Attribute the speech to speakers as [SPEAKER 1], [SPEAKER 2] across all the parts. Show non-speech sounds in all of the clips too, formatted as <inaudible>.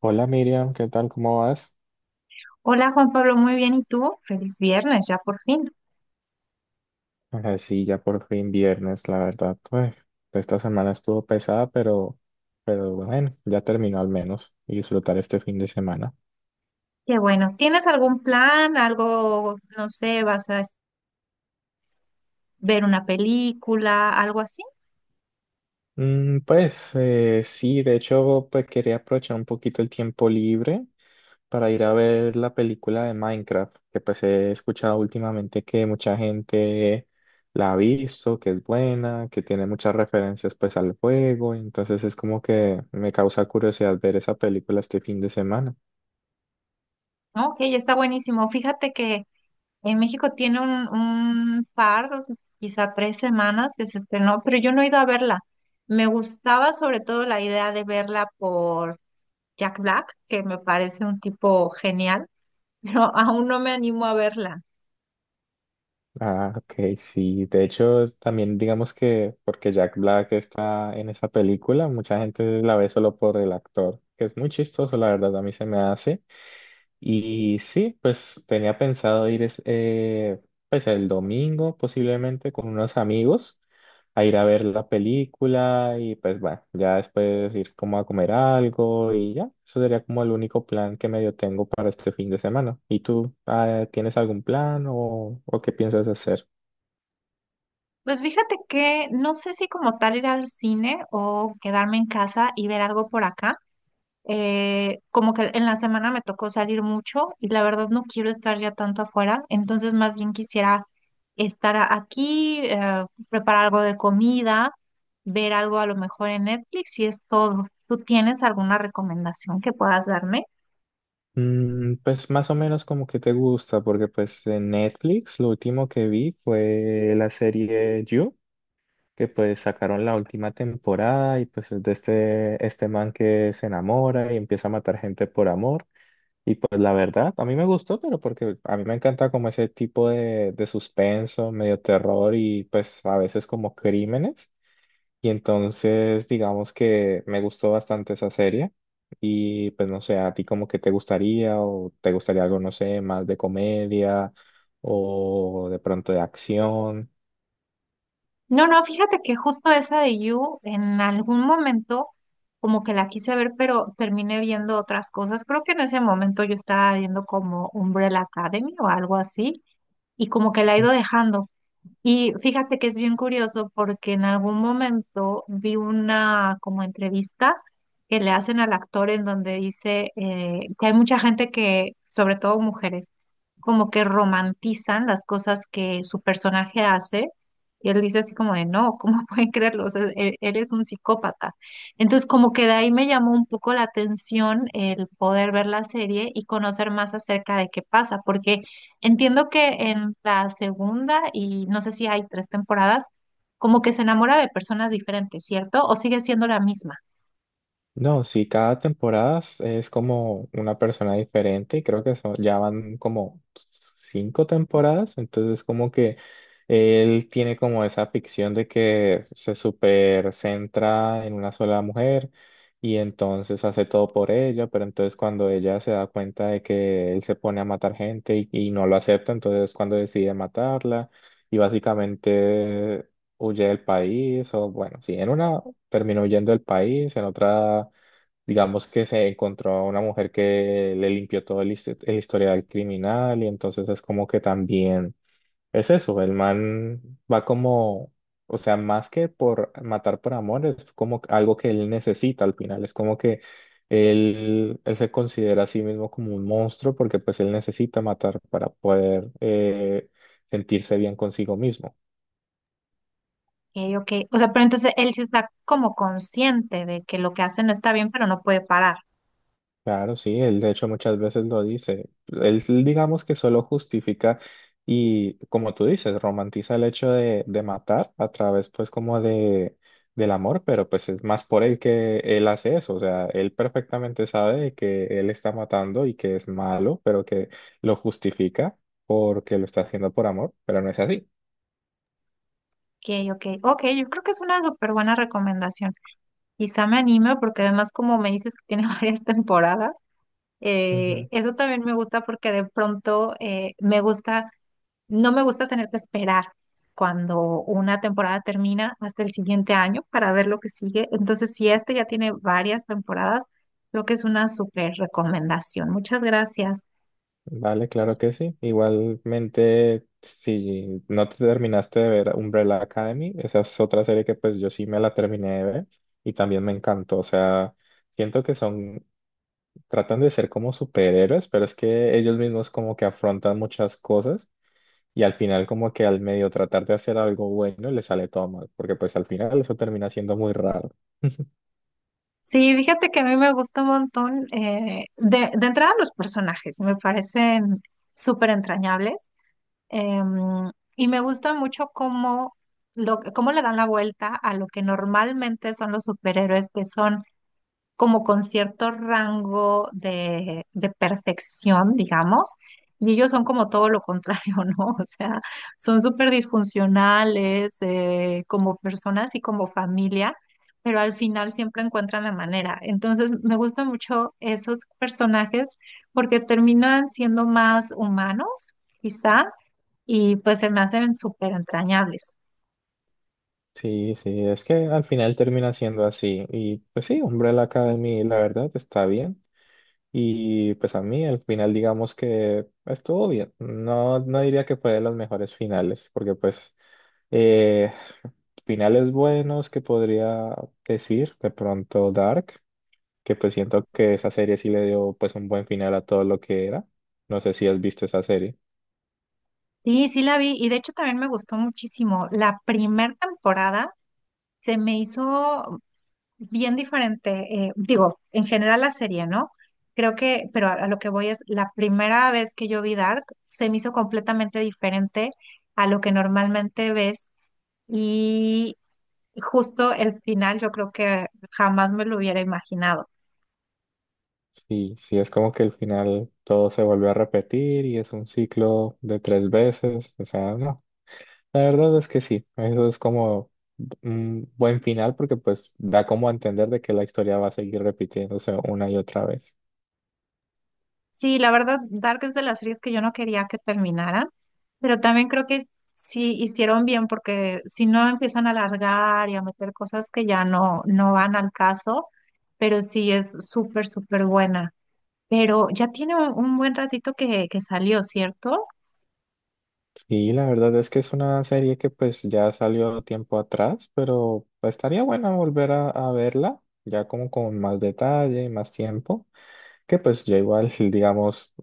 [SPEAKER 1] Hola Miriam, ¿qué tal? ¿Cómo vas?
[SPEAKER 2] Hola Juan Pablo, muy bien. ¿Y tú? Feliz viernes, ya por fin.
[SPEAKER 1] Ajá, sí, ya por fin viernes, la verdad. Pues esta semana estuvo pesada, pero bueno, ya terminó al menos y disfrutar este fin de semana.
[SPEAKER 2] Qué bueno. ¿Tienes algún plan? Algo, no sé, ¿vas a ver una película, algo así?
[SPEAKER 1] Mm, pues sí, de hecho, pues quería aprovechar un poquito el tiempo libre para ir a ver la película de Minecraft, que pues he escuchado últimamente que mucha gente la ha visto, que es buena, que tiene muchas referencias pues al juego, entonces es como que me causa curiosidad ver esa película este fin de semana.
[SPEAKER 2] Ok, está buenísimo. Fíjate que en México tiene un par, quizá tres semanas que se estrenó, pero yo no he ido a verla. Me gustaba sobre todo la idea de verla por Jack Black, que me parece un tipo genial, <laughs> pero aún no me animo a verla.
[SPEAKER 1] Ah, ok, sí, de hecho también digamos que porque Jack Black está en esa película, mucha gente la ve solo por el actor, que es muy chistoso, la verdad, a mí se me hace. Y sí, pues tenía pensado pues el domingo posiblemente con unos amigos a ir a ver la película y pues bueno, ya después ir como a comer algo y ya, eso sería como el único plan que medio tengo para este fin de semana. ¿Y tú, tienes algún plan o qué piensas hacer?
[SPEAKER 2] Pues fíjate que no sé si como tal ir al cine o quedarme en casa y ver algo por acá. Como que en la semana me tocó salir mucho y la verdad no quiero estar ya tanto afuera, entonces más bien quisiera estar aquí, preparar algo de comida, ver algo a lo mejor en Netflix y es todo. ¿Tú tienes alguna recomendación que puedas darme?
[SPEAKER 1] Mm, pues más o menos como que te gusta, porque pues en Netflix lo último que vi fue la serie You, que pues sacaron la última temporada y pues es de este man que se enamora y empieza a matar gente por amor. Y pues la verdad, a mí me gustó, pero porque a mí me encanta como ese tipo de suspenso, medio terror y pues a veces como crímenes. Y entonces digamos que me gustó bastante esa serie. Y pues no sé, a ti como que te gustaría o te gustaría algo, no sé, más de comedia o de pronto de acción.
[SPEAKER 2] No, no, fíjate que justo esa de You en algún momento como que la quise ver, pero terminé viendo otras cosas. Creo que en ese momento yo estaba viendo como Umbrella Academy o algo así y como que la he ido dejando. Y fíjate que es bien curioso porque en algún momento vi una como entrevista que le hacen al actor en donde dice que hay mucha gente que, sobre todo mujeres, como que romantizan las cosas que su personaje hace. Y él dice así como de, no, ¿cómo <laughs> pueden creerlo? O sea, eres un psicópata. Entonces como que de ahí me llamó un poco la atención el poder ver la serie y conocer más acerca de qué pasa, porque… Entiendo que en la segunda, y no sé si hay tres temporadas, como que se enamora de personas diferentes, ¿cierto? O sigue siendo la misma.
[SPEAKER 1] No, sí, cada temporada es como una persona diferente y creo que son, ya van como cinco temporadas, entonces como que él tiene como esa ficción de que se super centra en una sola mujer y entonces hace todo por ella, pero entonces cuando ella se da cuenta de que él se pone a matar gente y no lo acepta, entonces es cuando decide matarla y básicamente huye del país, o bueno, sí, en una terminó huyendo del país, en otra, digamos que se encontró a una mujer que le limpió todo el, el historial criminal, y entonces es como que también es eso, el man va como, o sea, más que por matar por amor, es como algo que él necesita al final, es como que él se considera a sí mismo como un monstruo porque pues él necesita matar para poder sentirse bien consigo mismo.
[SPEAKER 2] Ok, ok. O sea, pero entonces él sí está como consciente de que lo que hace no está bien, pero no puede parar.
[SPEAKER 1] Claro, sí, él de hecho muchas veces lo dice. Él digamos que solo justifica y como tú dices, romantiza el hecho de matar a través pues como de del amor, pero pues es más por él que él hace eso. O sea, él perfectamente sabe de que él está matando y que es malo, pero que lo justifica porque lo está haciendo por amor, pero no es así.
[SPEAKER 2] Ok, ok. Ok, yo creo que es una súper buena recomendación. Quizá me anime porque además como me dices que tiene <laughs> varias temporadas, eso también me gusta porque de pronto me gusta. No me gusta tener que esperar cuando una temporada termina hasta el siguiente año para ver lo que sigue. Entonces, si este ya tiene varias temporadas, creo que es una súper recomendación. Muchas gracias.
[SPEAKER 1] Vale, claro que sí. Igualmente, si no te terminaste de ver Umbrella Academy, esa es otra serie que pues yo sí me la terminé de ver y también me encantó. O sea, siento que son, tratan de ser como superhéroes, pero es que ellos mismos como que afrontan muchas cosas y al final como que al medio tratar de hacer algo bueno les sale todo mal, porque pues al final eso termina siendo muy raro. <laughs>
[SPEAKER 2] Sí, fíjate que a mí me gusta un montón. De, entrada, los personajes me parecen súper entrañables. em, y me gusta mucho cómo le dan la vuelta a lo que normalmente son los superhéroes, que son como con cierto rango de perfección, digamos, y ellos son como todo lo contrario, <laughs> ¿no? O sea, son súper disfuncionales como personas y como familia, pero al final siempre encuentran la manera. Entonces, me gustan mucho esos personajes porque terminan siendo más humanos, quizá, y pues se me hacen súper entrañables.
[SPEAKER 1] Sí, sí, es que al final termina siendo así. Y pues sí, Umbrella Academy, la verdad, está bien. Y pues a mí el final digamos que estuvo bien. No, no diría que fue de los mejores finales, porque pues eh, finales buenos que podría decir, de pronto Dark, que pues siento que esa serie sí le dio pues un buen final a todo lo que era. No sé si has visto esa serie.
[SPEAKER 2] Sí, sí la vi y de hecho también me gustó muchísimo. La primera temporada se me hizo bien diferente, digo, en general la serie, ¿no? Creo que, pero a lo que voy es, la primera vez que yo vi Dark, se me hizo completamente diferente a lo que normalmente ves y justo el final yo creo que jamás me lo hubiera imaginado.
[SPEAKER 1] Sí, sí, es como que el final todo se volvió a repetir y es un ciclo de tres veces. O sea, no, la verdad es que sí, eso es como un buen final porque pues da como a entender de que la historia va a seguir repitiéndose una y otra vez.
[SPEAKER 2] Sí, la verdad, Dark es de las series que yo no quería que terminaran, pero también creo que sí hicieron bien porque si no empiezan a alargar y a meter cosas que ya no, no van al caso, pero sí es súper, súper buena. Pero ya tiene un buen ratito que salió, ¿cierto?
[SPEAKER 1] Y la verdad es que es una serie que pues ya salió tiempo atrás, pero estaría bueno volver a verla ya como con más detalle y más tiempo, que pues yo igual <laughs> digamos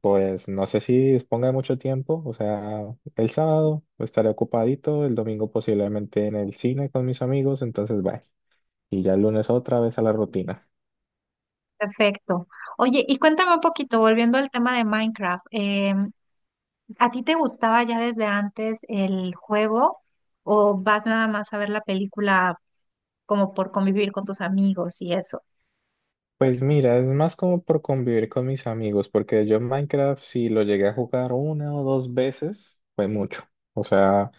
[SPEAKER 1] pues no sé si disponga de mucho tiempo, o sea, el sábado estaré ocupadito, el domingo posiblemente en el cine con mis amigos, entonces bye. Y ya el lunes otra vez a la rutina.
[SPEAKER 2] Perfecto. Oye, y cuéntame un poquito, volviendo al tema de Minecraft, ¿a ti te gustaba ya desde antes el juego o vas nada más a ver la película como por convivir con tus amigos y eso?
[SPEAKER 1] Pues mira, es más como por convivir con mis amigos, porque yo en Minecraft si lo llegué a jugar una o dos veces, fue mucho. O sea,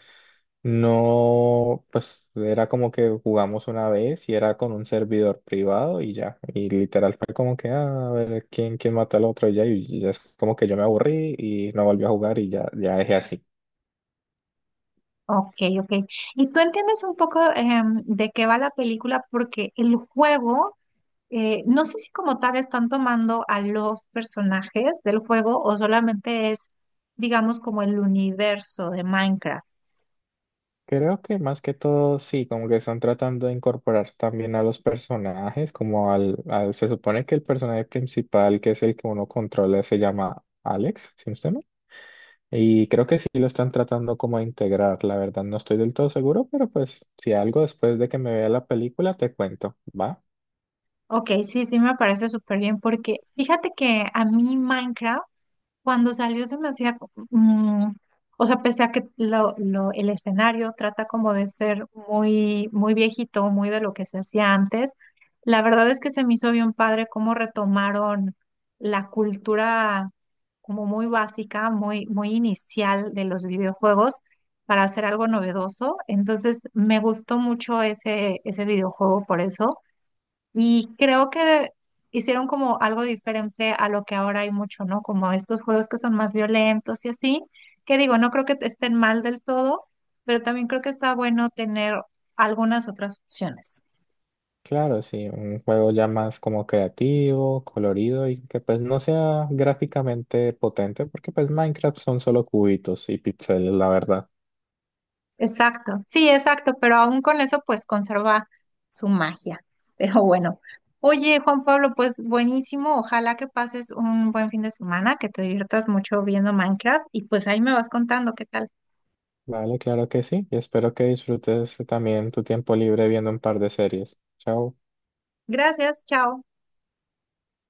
[SPEAKER 1] no, pues era como que jugamos una vez y era con un servidor privado y ya. Y literal fue como que, ah, a ver, ¿quién, quién mató al otro? Y ya es como que yo me aburrí y no volví a jugar y ya, ya dejé así.
[SPEAKER 2] Ok, ok. ¿Y tú entiendes un poco de qué va la película? Porque el juego, no sé si como tal están tomando a los personajes del juego o solamente es, digamos, como el universo de Minecraft.
[SPEAKER 1] Creo que más que todo, sí, como que están tratando de incorporar también a los personajes, como se supone que el personaje principal, que es el que uno controla, se llama Alex, si no estoy mal. Y creo que sí lo están tratando como a integrar, la verdad no estoy del todo seguro, pero pues si algo después de que me vea la película te cuento, ¿va?
[SPEAKER 2] Ok, sí, sí me parece súper bien porque fíjate que a mí Minecraft cuando salió se me hacía, o sea, pese a que el escenario trata como de ser muy, muy viejito, muy de lo que se hacía antes, la verdad es que se me hizo bien padre cómo retomaron la cultura como muy básica, muy, muy inicial de los videojuegos para hacer algo novedoso. Entonces me gustó mucho ese, ese videojuego por eso. Y creo que hicieron como algo diferente a lo que ahora hay mucho, ¿no? Como estos juegos que son más violentos y así, que digo, no creo que estén mal del todo, pero también creo que está bueno tener algunas otras opciones.
[SPEAKER 1] Claro, sí, un juego ya más como creativo, colorido y que pues no sea gráficamente potente, porque pues Minecraft son solo cubitos y píxeles, la verdad.
[SPEAKER 2] Exacto, sí, exacto, pero aún con eso pues conserva su magia. <laughs> Pero bueno, oye Juan Pablo, pues buenísimo, ojalá que pases un buen fin de semana, que te diviertas mucho viendo Minecraft y pues ahí me vas contando qué tal.
[SPEAKER 1] Vale, claro que sí. Y espero que disfrutes también tu tiempo libre viendo un par de series. Chao.
[SPEAKER 2] Gracias, chao.